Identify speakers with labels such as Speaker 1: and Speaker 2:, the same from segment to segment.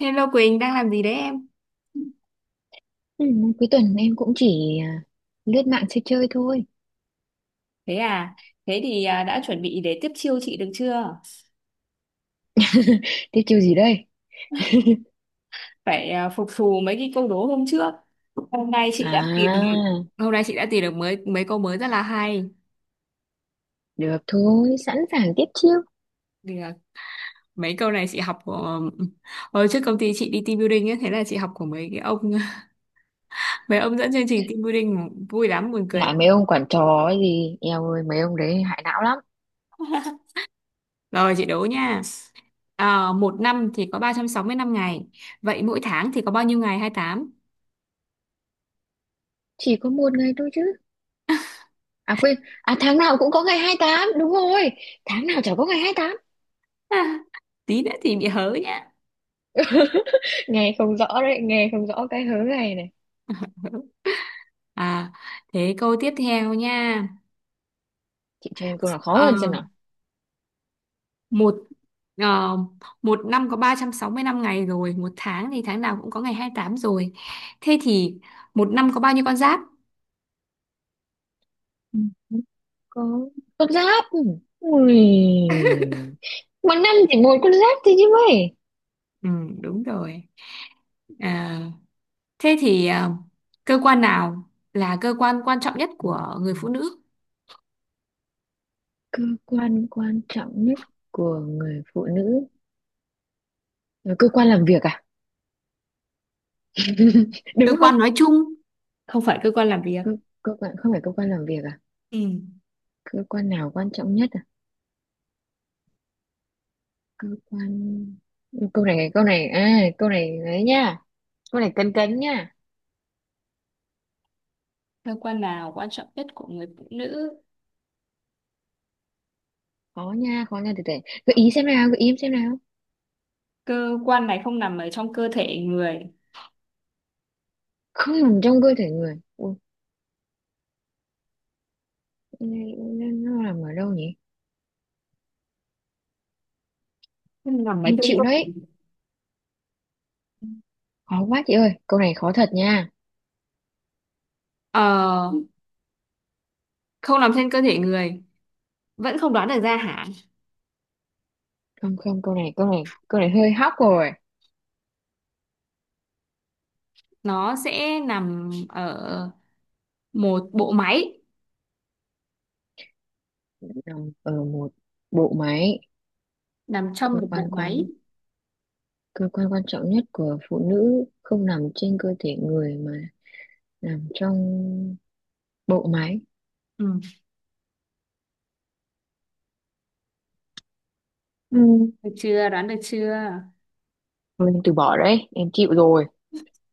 Speaker 1: Hello Quỳnh, đang làm gì đấy em?
Speaker 2: Ừ, cuối tuần em cũng chỉ lướt mạng chơi chơi thôi.
Speaker 1: Thế à, thế thì đã chuẩn bị để tiếp chiêu chị được chưa?
Speaker 2: Tiếp chiêu gì đây?
Speaker 1: Phải phục thù mấy cái câu đố hôm trước. Hôm nay chị đã tìm được.
Speaker 2: À,
Speaker 1: Hôm nay chị đã tìm được mới mấy câu mới rất là hay.
Speaker 2: được thôi, sẵn sàng tiếp chiêu.
Speaker 1: Thì là mấy câu này chị học của hồi trước công ty chị đi team building ấy, thế là chị học của mấy cái ông mấy ông dẫn chương trình team building mà vui lắm buồn cười lắm.
Speaker 2: Lại mấy ông quản trò ấy gì, eo ơi mấy ông đấy hại não lắm.
Speaker 1: Rồi chị đố nha. À, một năm thì có 365 ngày. Vậy mỗi tháng thì có bao nhiêu ngày? Hai mươi tám.
Speaker 2: Chỉ có một ngày thôi chứ. À quên, à tháng nào cũng có ngày hai tám đúng rồi. Tháng nào chả có ngày hai tám.
Speaker 1: Tí nữa thì bị hớ.
Speaker 2: Nghe không rõ đấy, nghe không rõ cái hớ này này.
Speaker 1: À, thế câu tiếp theo nha.
Speaker 2: Chị cho em câu nào khó
Speaker 1: Ờ,
Speaker 2: hơn xem nào.
Speaker 1: một ờ, Một năm có 365 ngày rồi, một tháng thì tháng nào cũng có ngày 28 rồi. Thế thì một năm có bao nhiêu con giáp?
Speaker 2: Ừ, không có con giáp. Ui. Một năm chỉ một con giáp thôi chứ mấy.
Speaker 1: Ừ, đúng rồi. À, thế thì cơ quan nào là cơ quan quan trọng nhất của người phụ nữ?
Speaker 2: Cơ quan quan trọng nhất của người phụ nữ? Ờ, cơ quan làm việc à?
Speaker 1: Cơ
Speaker 2: Đúng không?
Speaker 1: quan nói chung, không phải cơ quan làm việc.
Speaker 2: Cơ, cơ quan không phải cơ quan làm việc à?
Speaker 1: Ừ.
Speaker 2: Cơ quan nào quan trọng nhất à? Cơ quan. Câu này à, câu này đấy nha. Câu này cấn cấn nha.
Speaker 1: Cơ quan nào quan trọng nhất của người phụ nữ?
Speaker 2: Khó nha, khó nha, từ từ. Gợi ý xem nào, gợi ý xem nào.
Speaker 1: Cơ quan này không nằm ở trong cơ thể người,
Speaker 2: Không nằm trong cơ thể người. Ủa, cái này nó nằm ở đâu nhỉ?
Speaker 1: không nằm ở
Speaker 2: Em
Speaker 1: trong
Speaker 2: chịu
Speaker 1: cơ
Speaker 2: đấy,
Speaker 1: thể.
Speaker 2: khó quá chị ơi, câu này khó thật nha.
Speaker 1: Ờ, không nằm trên cơ thể người vẫn không đoán được ra hả?
Speaker 2: Không không, câu này hơi hóc rồi.
Speaker 1: Nó sẽ nằm ở một bộ máy,
Speaker 2: Nằm ở một bộ máy.
Speaker 1: nằm trong
Speaker 2: cơ
Speaker 1: một bộ
Speaker 2: quan
Speaker 1: máy.
Speaker 2: quan cơ quan quan trọng nhất của phụ nữ không nằm trên cơ thể người mà nằm trong bộ máy.
Speaker 1: Ừ.
Speaker 2: Ừ.
Speaker 1: Được chưa, đoán được chưa?
Speaker 2: Thôi em từ bỏ đấy, em chịu rồi.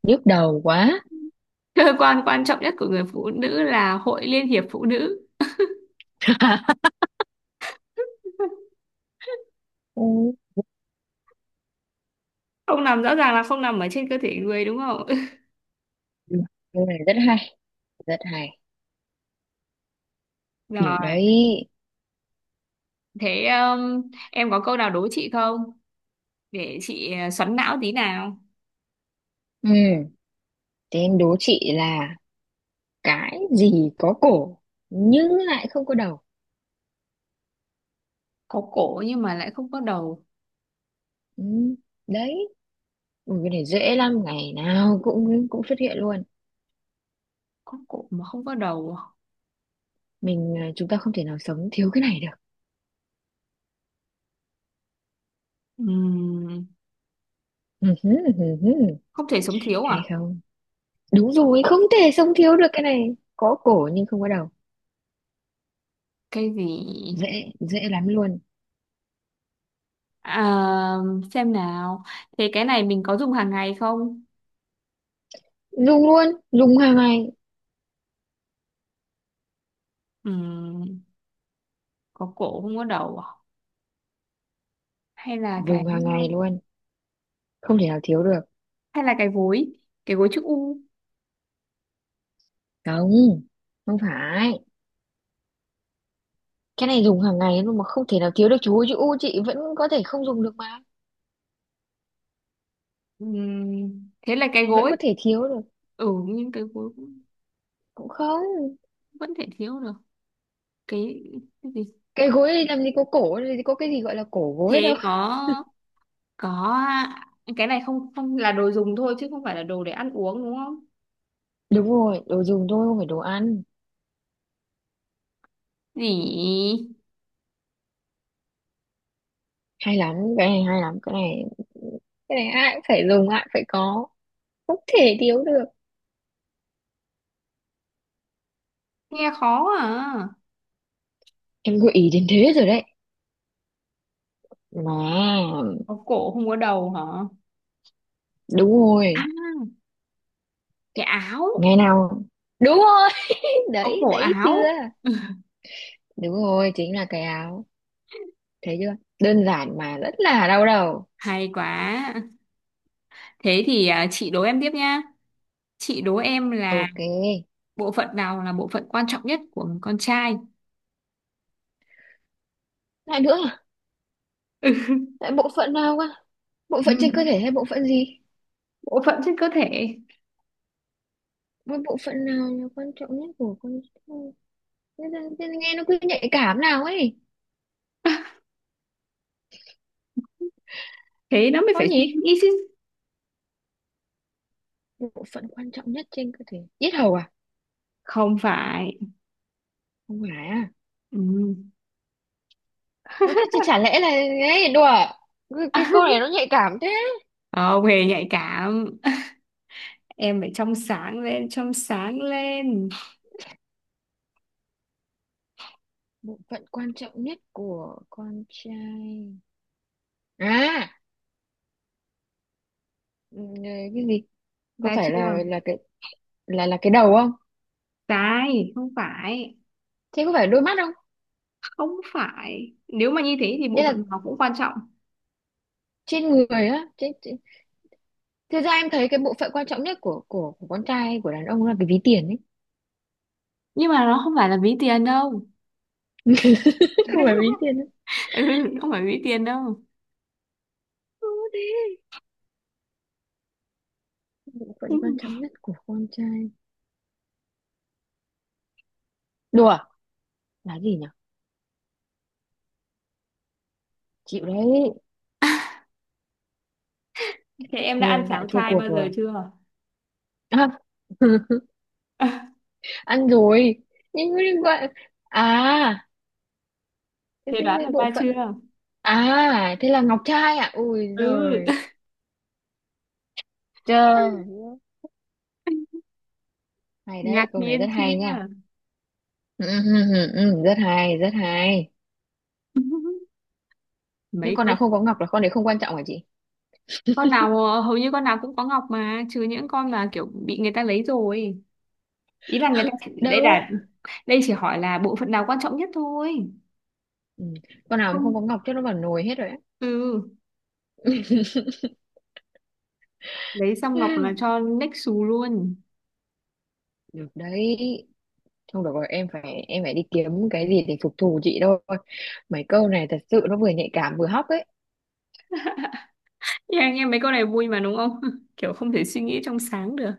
Speaker 2: Nhức đầu quá.
Speaker 1: Cơ quan quan trọng nhất của người phụ nữ là Hội Liên hiệp Phụ nữ.
Speaker 2: Ừ.
Speaker 1: Không nằm rõ ràng là không nằm ở trên cơ thể người đúng không?
Speaker 2: Ừ. Cái này rất hay, rất hay. Được
Speaker 1: Rồi,
Speaker 2: đấy.
Speaker 1: thế em có câu nào đố chị không, để chị xoắn não tí nào.
Speaker 2: Ừ, thế em đố chị là cái gì có cổ nhưng lại không có đầu.
Speaker 1: Có cổ nhưng mà lại không có đầu?
Speaker 2: Ừ. Đấy. Ừ, cái này dễ lắm, ngày nào cũng cũng xuất hiện luôn.
Speaker 1: Có cổ mà không có đầu à?
Speaker 2: Mình à, chúng ta không thể nào sống thiếu cái này
Speaker 1: Ừm,
Speaker 2: được.
Speaker 1: không thể sống thiếu
Speaker 2: Hay
Speaker 1: à?
Speaker 2: không? Đúng rồi, không thể sống thiếu được cái này. Có cổ nhưng không có đầu.
Speaker 1: Cái gì?
Speaker 2: Dễ, dễ lắm luôn.
Speaker 1: À, xem nào. Thế cái này mình có dùng hàng ngày không?
Speaker 2: Dùng luôn, dùng hàng ngày.
Speaker 1: Ừm, có cổ không có đầu à? Hay là cái
Speaker 2: Dùng hàng ngày luôn, không thể nào thiếu được.
Speaker 1: hay là cái gối, cái gối chữ U.
Speaker 2: Không, không phải. Cái này dùng hàng ngày luôn mà không thể nào thiếu được chú ơi. Chứ u chị vẫn có thể không dùng được mà,
Speaker 1: Thế là cái
Speaker 2: vẫn
Speaker 1: gối.
Speaker 2: có thể thiếu được.
Speaker 1: Ừ, nhưng cái gối cũng
Speaker 2: Cũng không.
Speaker 1: vẫn thể thiếu được. Cái, cái gì?
Speaker 2: Cái gối này làm gì có cổ, làm gì có cái gì gọi là cổ gối
Speaker 1: Thế
Speaker 2: đâu.
Speaker 1: có có cái này không không là đồ dùng thôi chứ không phải là đồ để ăn uống đúng không?
Speaker 2: Đúng rồi, đồ dùng thôi, không phải đồ ăn.
Speaker 1: Gì?
Speaker 2: Hay lắm cái này, hay lắm cái này. Cái này ai cũng phải dùng, ai cũng phải có, không thể thiếu được.
Speaker 1: Nghe khó à.
Speaker 2: Em gợi ý đến thế rồi đấy mà.
Speaker 1: Có cổ không có đầu hả?
Speaker 2: Đúng
Speaker 1: À,
Speaker 2: rồi.
Speaker 1: cái áo,
Speaker 2: Ngày nào. Đúng rồi.
Speaker 1: có
Speaker 2: Đấy,
Speaker 1: cổ
Speaker 2: thấy chưa?
Speaker 1: áo.
Speaker 2: Đúng rồi, chính là cái áo. Thấy chưa? Đơn giản mà rất là đau đầu.
Speaker 1: Hay quá. Thế thì chị đố em tiếp nhá. Chị đố em là
Speaker 2: OK.
Speaker 1: bộ phận nào là bộ phận quan trọng nhất của người con trai?
Speaker 2: Lại nữa à?
Speaker 1: Ừ.
Speaker 2: Lại bộ phận nào cơ? Bộ
Speaker 1: Ừ,
Speaker 2: phận trên cơ thể hay bộ phận gì?
Speaker 1: bộ phận trên cơ thể.
Speaker 2: Với bộ phận nào là quan trọng nhất của con người? Thế là nghe nó cứ nhạy cảm nào ấy.
Speaker 1: Thế nó mới
Speaker 2: Có
Speaker 1: phải suy
Speaker 2: nhỉ?
Speaker 1: nghĩ chứ.
Speaker 2: Bộ phận quan trọng nhất trên cơ thể, yết hầu à?
Speaker 1: Không phải.
Speaker 2: Không phải à?
Speaker 1: Ừ.
Speaker 2: Ủa, thế chả lẽ là ấy đùa à? Cái câu này nó nhạy cảm thế.
Speaker 1: Không hề nhạy cảm. Em phải trong sáng lên, trong sáng lên.
Speaker 2: Bộ phận quan trọng nhất của con trai à? Ừ, cái gì? Có
Speaker 1: Ra
Speaker 2: phải
Speaker 1: chưa?
Speaker 2: là cái đầu không?
Speaker 1: Sai, không phải.
Speaker 2: Thế có phải đôi mắt không?
Speaker 1: Không phải. Nếu mà như thế thì
Speaker 2: Thế
Speaker 1: bộ
Speaker 2: là
Speaker 1: phận nào cũng quan trọng.
Speaker 2: trên người á, trên... Thực ra em thấy cái bộ phận quan trọng nhất của con trai, của đàn ông là cái ví tiền ấy.
Speaker 1: Nhưng mà nó không phải là ví tiền đâu.
Speaker 2: Chứ không phải ví tiền ấy.
Speaker 1: Ừ, không phải ví tiền đâu.
Speaker 2: Ừ, thế bộ phận quan trọng nhất của con trai, đùa, là gì nhỉ? Chịu đấy.
Speaker 1: Thế em đã
Speaker 2: Thua,
Speaker 1: ăn
Speaker 2: lại
Speaker 1: cháo
Speaker 2: thua
Speaker 1: chai
Speaker 2: cuộc
Speaker 1: bao giờ
Speaker 2: rồi.
Speaker 1: chưa?
Speaker 2: À, ăn rồi. Nhưng mà đừng gọi à. cái,
Speaker 1: Thế
Speaker 2: cái,
Speaker 1: đoán
Speaker 2: cái
Speaker 1: được
Speaker 2: bộ
Speaker 1: ra
Speaker 2: phận.
Speaker 1: chưa?
Speaker 2: À, thế là Ngọc Trai à? Ui
Speaker 1: Ừ,
Speaker 2: rồi trời ơi. Hay
Speaker 1: ngạc
Speaker 2: đấy, câu này rất
Speaker 1: nhiên
Speaker 2: hay nha.
Speaker 1: chưa?
Speaker 2: Ừ, ừ, ừ, ừ, ừ, rất hay, rất hay. Nhưng
Speaker 1: Mấy
Speaker 2: con
Speaker 1: con,
Speaker 2: nào không có Ngọc là con đấy không quan trọng hả chị?
Speaker 1: hầu như con nào cũng có ngọc mà, trừ những con mà kiểu bị người ta lấy rồi. Ý là người ta sẽ- đây
Speaker 2: Đâu.
Speaker 1: là đây chỉ hỏi là bộ phận nào quan trọng nhất thôi.
Speaker 2: Ừ. Con nào mà không có
Speaker 1: Không.
Speaker 2: Ngọc chắc nó vào nồi hết rồi á.
Speaker 1: Ừ, lấy xong ngọc
Speaker 2: Ừ.
Speaker 1: là cho next xù luôn.
Speaker 2: Được đấy. Không được rồi, em phải đi kiếm cái gì để phục thù chị thôi. Mấy câu này thật sự nó vừa nhạy cảm vừa hóc ấy.
Speaker 1: Thì anh em mấy con này vui mà đúng không? Kiểu không thể suy nghĩ trong sáng được.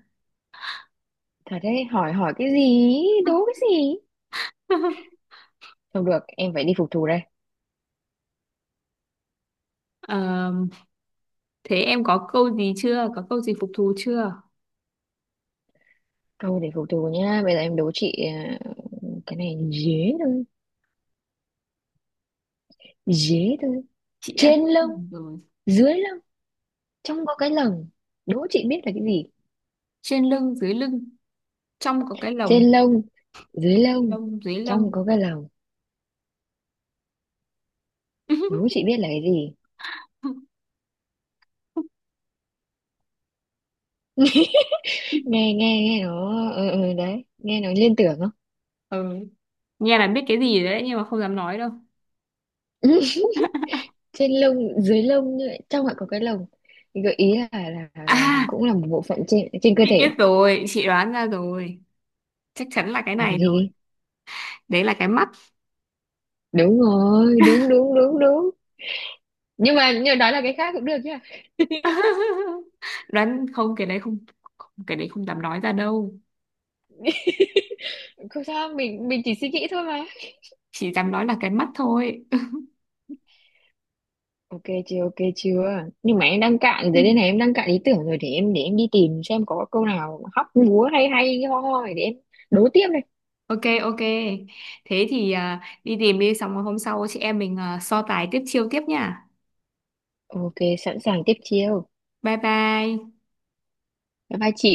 Speaker 2: Thật đấy, hỏi hỏi cái gì, đố cái gì. Không được, em phải đi phục thù đây.
Speaker 1: Ờ, thế em có câu gì chưa? Có câu gì phục thù chưa?
Speaker 2: Thôi để phục thù nhá, bây giờ em đố chị à, cái này dế thôi, dế thôi.
Speaker 1: Chị đã
Speaker 2: Trên lông,
Speaker 1: rồi.
Speaker 2: dưới lông, trong có cái lồng. Đố chị biết là cái gì?
Speaker 1: Trên lưng dưới lưng, trong có cái
Speaker 2: Trên
Speaker 1: lồng.
Speaker 2: lông, dưới
Speaker 1: À, trên
Speaker 2: lông,
Speaker 1: lông dưới
Speaker 2: trong
Speaker 1: lông.
Speaker 2: có cái lồng. Đố chị biết là cái gì? Nghe nghe nghe nó ừ, ừ, đấy, nghe nó liên tưởng không?
Speaker 1: Ừ. Nghe là biết cái gì rồi đấy nhưng mà không dám nói đâu.
Speaker 2: Trên lông, dưới lông như vậy, trong lại có cái lồng. Thì gợi ý là
Speaker 1: À,
Speaker 2: cũng là một bộ phận trên trên cơ
Speaker 1: chị
Speaker 2: thể.
Speaker 1: biết rồi, chị đoán ra rồi, chắc chắn là cái
Speaker 2: Là
Speaker 1: này rồi.
Speaker 2: gì?
Speaker 1: Đấy là cái mắt.
Speaker 2: Đúng rồi, đúng đúng đúng đúng. Nhưng mà nhưng đó là cái khác cũng được chứ,
Speaker 1: đoán không cái đấy không, không cái đấy không dám nói ra đâu.
Speaker 2: không sao, mình chỉ suy nghĩ thôi mà.
Speaker 1: Chỉ dám nói là cái mắt thôi.
Speaker 2: OK chưa? Nhưng mà em đang cạn
Speaker 1: Ừ.
Speaker 2: rồi đây này, em đang cạn ý tưởng rồi, để em đi tìm xem có câu nào hóc búa hay hay ho ho để em đố tiếp đây.
Speaker 1: Ok ok, thế thì đi tìm đi, xong rồi hôm sau chị em mình so tài tiếp chiêu tiếp nha.
Speaker 2: OK, sẵn sàng tiếp chiêu.
Speaker 1: Bye bye.
Speaker 2: Bye bye chị.